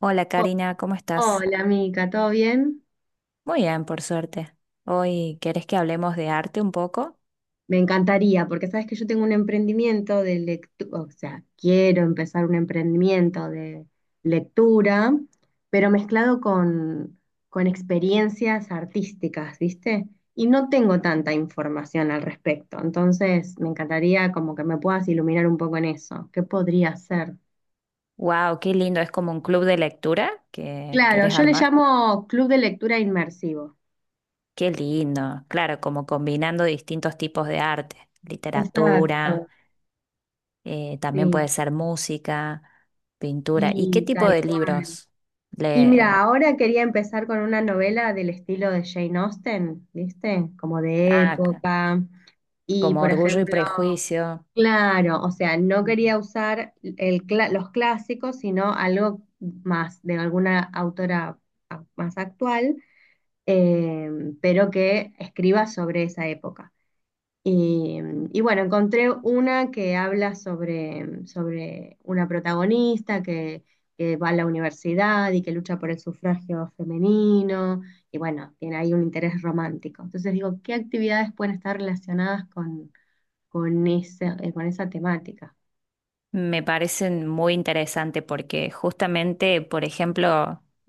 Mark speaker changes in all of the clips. Speaker 1: Hola,
Speaker 2: Oh,
Speaker 1: Karina, ¿cómo estás?
Speaker 2: hola, Mica, ¿todo bien?
Speaker 1: Muy bien, por suerte. Hoy, ¿querés que hablemos de arte un poco?
Speaker 2: Me encantaría, porque sabes que yo tengo un emprendimiento de lectura, o sea, quiero empezar un emprendimiento de lectura, pero mezclado con experiencias artísticas, ¿viste? Y no tengo tanta información al respecto, entonces me encantaría como que me puedas iluminar un poco en eso. ¿Qué podría ser?
Speaker 1: ¡Wow! ¡Qué lindo! Es como un club de lectura que
Speaker 2: Claro,
Speaker 1: querés
Speaker 2: yo le
Speaker 1: armar.
Speaker 2: llamo Club de Lectura Inmersivo.
Speaker 1: ¡Qué lindo! Claro, como combinando distintos tipos de arte,
Speaker 2: Exacto,
Speaker 1: literatura, también puede
Speaker 2: sí,
Speaker 1: ser música, pintura. ¿Y qué
Speaker 2: sí,
Speaker 1: tipo
Speaker 2: tal
Speaker 1: de
Speaker 2: cual.
Speaker 1: libros?
Speaker 2: Y mira,
Speaker 1: Le...
Speaker 2: ahora quería empezar con una novela del estilo de Jane Austen, ¿viste? Como de
Speaker 1: Ah, c-
Speaker 2: época. Y,
Speaker 1: como
Speaker 2: por
Speaker 1: Orgullo y
Speaker 2: ejemplo,
Speaker 1: Prejuicio.
Speaker 2: claro, o sea, no
Speaker 1: Ujú.
Speaker 2: quería usar el los clásicos, sino algo más de alguna autora más actual, eh, pero que escriba sobre esa época. Y, y bueno, encontré una que habla sobre una que va a la universidad y que lucha por el sufragio femenino, y bueno, tiene ahí un interés romántico. Entonces digo, ¿qué actividades pueden estar relacionadas con con esa temática?
Speaker 1: Me parecen muy interesante porque justamente, por ejemplo,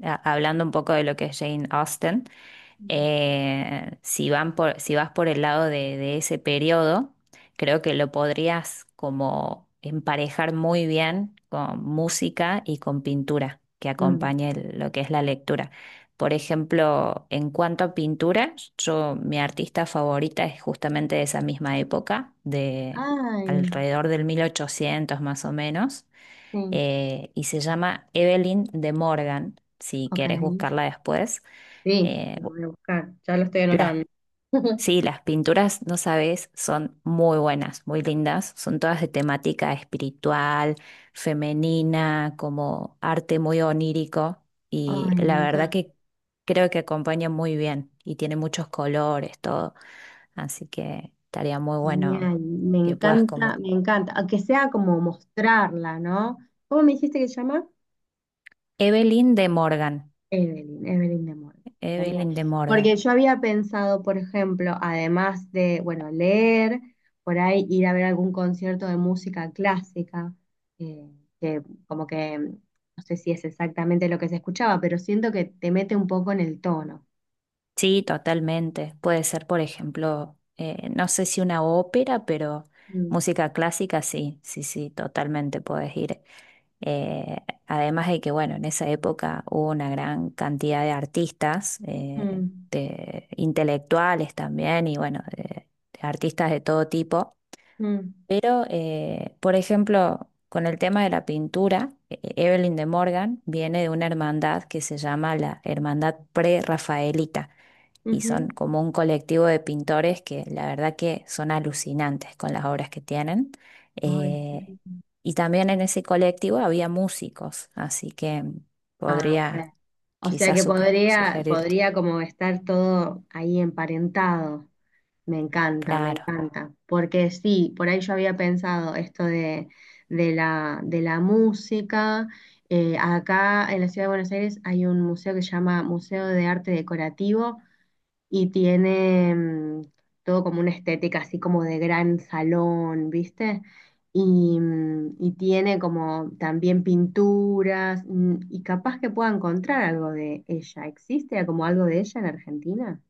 Speaker 1: hablando un poco de lo que es Jane Austen,
Speaker 2: Mm.
Speaker 1: si van por, si vas por el lado de ese periodo, creo que lo podrías como emparejar muy bien con música y con pintura que
Speaker 2: Mm.
Speaker 1: acompañe lo que es la lectura. Por ejemplo, en cuanto a pintura, yo, mi artista favorita es justamente de esa misma época, de
Speaker 2: Ay,
Speaker 1: alrededor del 1800 más o menos,
Speaker 2: sí,
Speaker 1: y se llama Evelyn de Morgan, si
Speaker 2: ok.
Speaker 1: querés buscarla después.
Speaker 2: Sí,
Speaker 1: eh,
Speaker 2: lo voy a buscar, ya lo estoy
Speaker 1: las,
Speaker 2: anotando.
Speaker 1: sí, las pinturas, no sabes, son muy buenas, muy lindas. Son todas de temática espiritual, femenina, como arte muy onírico. Y
Speaker 2: Ay, me
Speaker 1: la verdad
Speaker 2: encanta.
Speaker 1: que creo que acompaña muy bien y tiene muchos colores, todo. Así que estaría muy bueno
Speaker 2: Genial,
Speaker 1: que puedas como
Speaker 2: me encanta, aunque sea como mostrarla, ¿no? ¿Cómo me dijiste que se llama?
Speaker 1: Evelyn de Morgan.
Speaker 2: Evelyn, Evelyn de Mol. Genial.
Speaker 1: Evelyn de Morgan.
Speaker 2: Porque yo había pensado, por ejemplo, además de, bueno, leer, por ahí ir a ver algún concierto de música clásica, eh, que como que no sé si es exactamente lo que se escuchaba, pero siento que te mete un poco en el tono.
Speaker 1: Sí, totalmente. Puede ser, por ejemplo, no sé si una ópera, pero
Speaker 2: Mm,
Speaker 1: música clásica, sí, sí, sí, totalmente puedes ir. Eh, Además de que, bueno, en esa época hubo una gran cantidad de artistas,
Speaker 2: mm,
Speaker 1: de intelectuales también, y bueno, de artistas de todo tipo.
Speaker 2: mm,
Speaker 1: Pero, por ejemplo, con el tema de la pintura, Evelyn de Morgan viene de una hermandad que se llama la Hermandad Prerrafaelita y
Speaker 2: ujú.
Speaker 1: son como un colectivo de pintores que la verdad que son alucinantes con las obras que tienen.
Speaker 2: Ay, qué
Speaker 1: Eh,
Speaker 2: lindo.
Speaker 1: y también en ese colectivo había músicos, así que
Speaker 2: Ah, ok.
Speaker 1: podría
Speaker 2: O sea
Speaker 1: quizás
Speaker 2: que
Speaker 1: sugerirte.
Speaker 2: podría como estar todo ahí emparentado. Me encanta, me
Speaker 1: Claro.
Speaker 2: encanta. Porque sí, por ahí yo había pensado esto de de la música. Acá en la ciudad de Buenos Aires hay un museo que se llama Museo de Arte Decorativo y tiene mm, todo como una estética así como de gran salón, ¿viste? Y, mm, y tiene como también pinturas mm, y capaz que pueda encontrar algo de ella. ¿Existe como algo de ella en Argentina?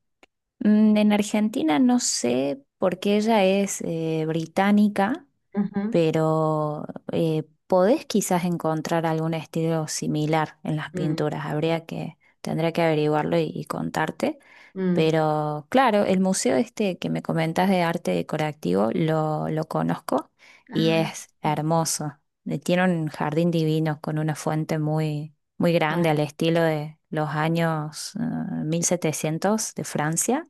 Speaker 1: En Argentina no sé porque ella es británica,
Speaker 2: Ujú.
Speaker 1: pero podés quizás encontrar algún estilo similar en las
Speaker 2: Mm,
Speaker 1: pinturas. Tendría que averiguarlo y contarte.
Speaker 2: mm.
Speaker 1: Pero claro, el museo este que me comentas de arte decorativo lo conozco y
Speaker 2: Ay,
Speaker 1: es
Speaker 2: no.
Speaker 1: hermoso. Tiene un jardín divino con una fuente muy, muy grande
Speaker 2: Ay,
Speaker 1: al estilo de los años 1700 de Francia.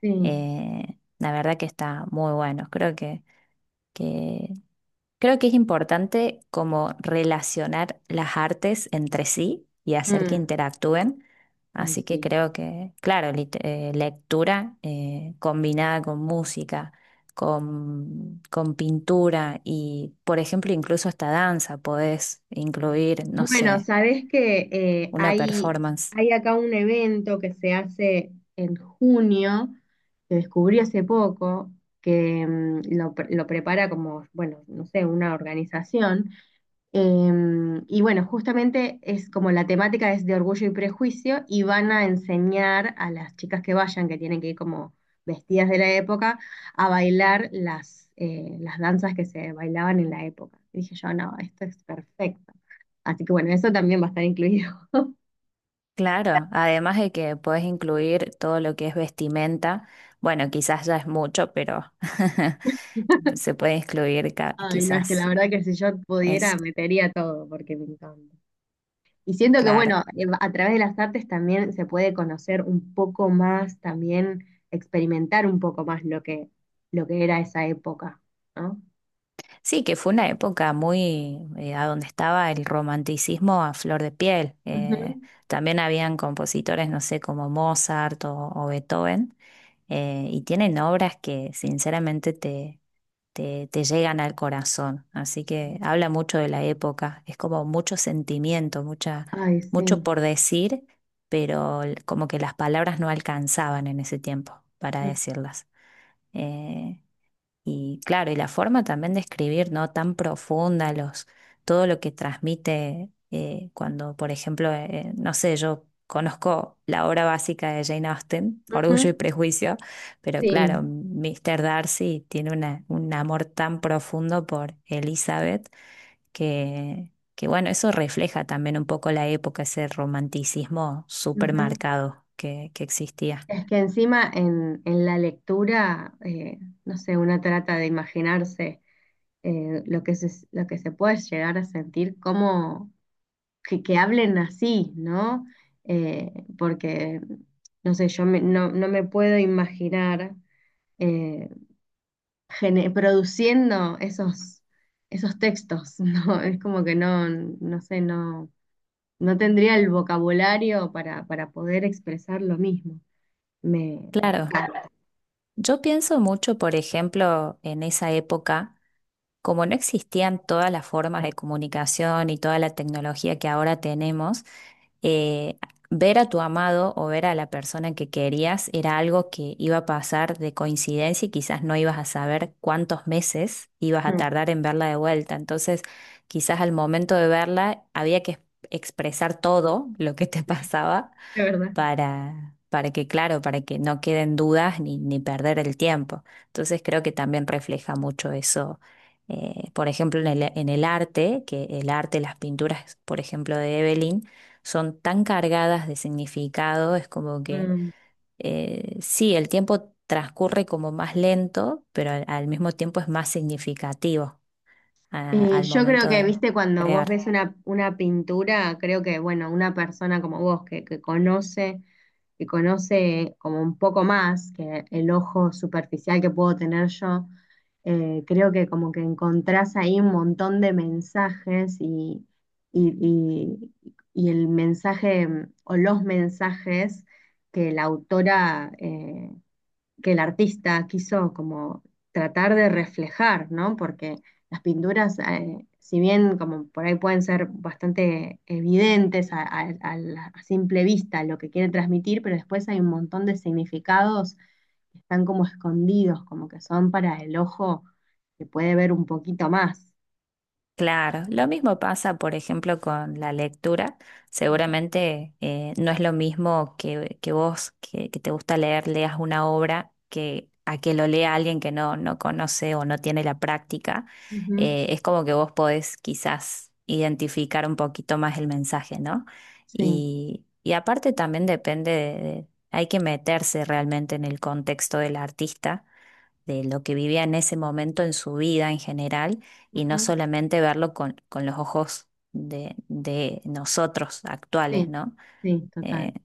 Speaker 2: sí.
Speaker 1: La verdad que está muy bueno. Que Creo que es importante como relacionar las artes entre sí y hacer que
Speaker 2: Mm,
Speaker 1: interactúen.
Speaker 2: ay,
Speaker 1: Así que
Speaker 2: sí.
Speaker 1: creo que, claro, lectura combinada con música, con pintura y, por ejemplo, incluso hasta danza, podés incluir, no
Speaker 2: Bueno,
Speaker 1: sé,
Speaker 2: sabes que
Speaker 1: una performance.
Speaker 2: hay acá un evento que se hace en junio, que descubrí hace poco, que lo prepara como, bueno, no sé, una organización. Em, y bueno, justamente es como la temática es de Orgullo y Prejuicio y van a enseñar a las chicas que vayan, que tienen que ir como vestidas de la época, a bailar las danzas que se bailaban en la época. Y dije yo, no, esto es perfecto. Así que bueno, eso también va a estar incluido.
Speaker 1: Claro, además de que podés incluir todo lo que es vestimenta. Bueno, quizás ya es mucho, pero se puede incluir
Speaker 2: Ay, no, es que la
Speaker 1: quizás.
Speaker 2: verdad que si yo pudiera,
Speaker 1: Eso,
Speaker 2: metería todo porque me encanta. Y siento que,
Speaker 1: claro.
Speaker 2: bueno, a través de las artes también se puede conocer un poco más, también experimentar un poco más lo lo que era esa época, ¿no?
Speaker 1: Sí, que fue una época muy, a donde estaba el romanticismo a flor de piel.
Speaker 2: Ujú.
Speaker 1: También habían compositores, no sé, como Mozart o Beethoven, y tienen obras que sinceramente te llegan al corazón. Así que habla mucho de la época. Es como mucho sentimiento, mucha,
Speaker 2: Ay,
Speaker 1: mucho
Speaker 2: sí.
Speaker 1: por decir, pero como que las palabras no alcanzaban en ese tiempo para decirlas. Eh, Y claro, y la forma también de escribir, ¿no? Tan profunda, los, todo lo que transmite cuando, por ejemplo, no sé, yo conozco la obra básica de Jane Austen, Orgullo y
Speaker 2: Ujú.
Speaker 1: Prejuicio, pero
Speaker 2: Sí.
Speaker 1: claro, Mr. Darcy tiene una, un amor tan profundo por Elizabeth que, bueno, eso refleja también un poco la época, ese romanticismo súper
Speaker 2: Ujú.
Speaker 1: marcado que existía.
Speaker 2: Es que encima en la lectura, no sé, uno trata de imaginarse lo que lo que se puede llegar a sentir, que hablen así, ¿no? Eh, porque, no sé, yo no, no me puedo imaginar eh, produciendo esos textos, ¿no? Es como que no, no sé, no, no tendría el vocabulario para poder expresar lo mismo. Me
Speaker 1: Claro,
Speaker 2: encanta.
Speaker 1: yo pienso mucho, por ejemplo, en esa época como no existían todas las formas de comunicación y toda la tecnología que ahora tenemos, eh, ver a tu amado o ver a la persona que querías era algo que iba a pasar de coincidencia y quizás no ibas a saber cuántos meses ibas a
Speaker 2: Mm,
Speaker 1: tardar en verla de vuelta. Entonces, quizás al momento de verla había que expresar todo lo que te pasaba
Speaker 2: de verdad.
Speaker 1: para que, claro, para que no queden dudas ni, ni perder el tiempo. Entonces creo que también refleja mucho eso, por ejemplo, en el arte, que el arte, las pinturas, por ejemplo, de Evelyn, son tan cargadas de significado, es como que
Speaker 2: Mm.
Speaker 1: sí, el tiempo transcurre como más lento, pero al mismo tiempo es más significativo al
Speaker 2: Yo creo
Speaker 1: momento
Speaker 2: que,
Speaker 1: de
Speaker 2: viste, cuando vos
Speaker 1: crear.
Speaker 2: ves una pintura, creo que, bueno, una persona como vos que conoce como un poco más que el ojo superficial que puedo tener yo, creo que como que encontrás ahí un montón de mensajes y, y- y- y el mensaje mm, o los mensajes que la autora que el artista quiso como tratar de reflejar, ¿no? Porque las pinturas, si bien como por ahí pueden ser bastante evidentes a simple vista lo que quiere transmitir, pero después hay un montón de significados que están como escondidos, como que son para el ojo que puede ver un poquito más.
Speaker 1: Claro, lo mismo pasa, por ejemplo, con la lectura. Seguramente no es lo mismo que te gusta leer, leas una obra que a que lo lea alguien que no, no conoce o no tiene la práctica.
Speaker 2: Ujú,
Speaker 1: Es como que vos podés quizás identificar un poquito más el mensaje, ¿no?
Speaker 2: sí,
Speaker 1: Y aparte también depende hay que meterse realmente en el contexto del artista de lo que vivía en ese momento en su vida en general y no
Speaker 2: ujú,
Speaker 1: solamente verlo con los ojos de nosotros actuales,
Speaker 2: sí,
Speaker 1: ¿no?
Speaker 2: sí,
Speaker 1: Eh,
Speaker 2: total.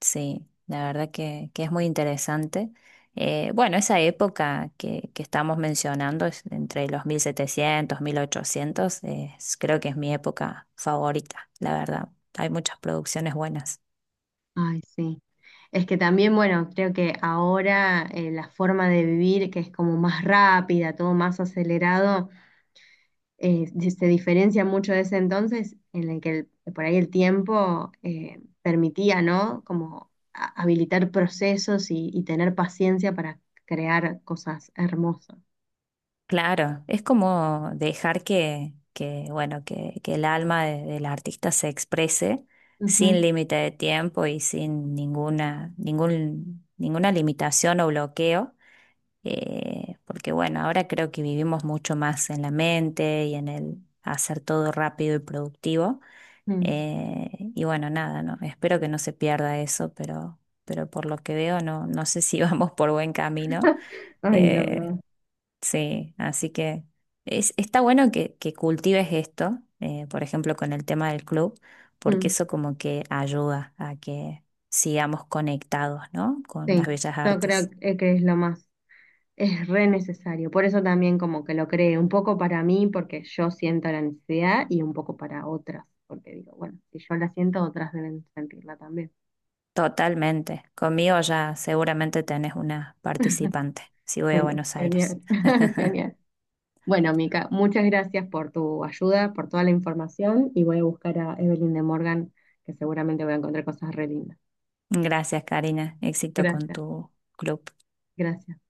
Speaker 1: sí, la verdad que es muy interesante. Bueno, esa época que estamos mencionando, es entre los 1700, 1800, creo que es mi época favorita, la verdad. Hay muchas producciones buenas.
Speaker 2: Ay, sí. Es que también, bueno, creo que ahora la forma de vivir, que es como más rápida, todo más acelerado, se diferencia mucho de ese entonces en el que por ahí el tiempo permitía, ¿no? Como habilitar procesos y tener paciencia para crear cosas hermosas.
Speaker 1: Claro, es como dejar que bueno, que el alma del artista se exprese
Speaker 2: Ujú.
Speaker 1: sin límite de tiempo y sin ninguna, ningún, ninguna limitación o bloqueo, porque bueno, ahora creo que vivimos mucho más en la mente y en el hacer todo rápido y productivo.
Speaker 2: Mm.
Speaker 1: eh, y bueno, nada, no, espero que no se pierda eso, pero por lo que veo no, no sé si vamos por buen camino.
Speaker 2: Ay, la
Speaker 1: Eh,
Speaker 2: verdad.
Speaker 1: Sí, así que es, está bueno que cultives esto, por ejemplo, con el tema del club, porque
Speaker 2: Mm.
Speaker 1: eso como que ayuda a que sigamos conectados, ¿no? Con
Speaker 2: Sí,
Speaker 1: las bellas
Speaker 2: yo creo
Speaker 1: artes.
Speaker 2: que es lo más. Es re necesario. Por eso también como que lo creé, un poco para mí, porque yo siento la necesidad, y un poco para otras, porque digo, bueno, si yo la siento, otras deben sentirla también.
Speaker 1: Totalmente. Conmigo ya seguramente tenés una participante, si voy a
Speaker 2: Bueno,
Speaker 1: Buenos Aires.
Speaker 2: genial, genial. Bueno, Mica, muchas gracias por tu ayuda, por toda la información, y voy a buscar a Evelyn de Morgan, que seguramente voy a encontrar cosas re lindas.
Speaker 1: Gracias, Karina. Éxito con
Speaker 2: Gracias,
Speaker 1: tu club.
Speaker 2: gracias.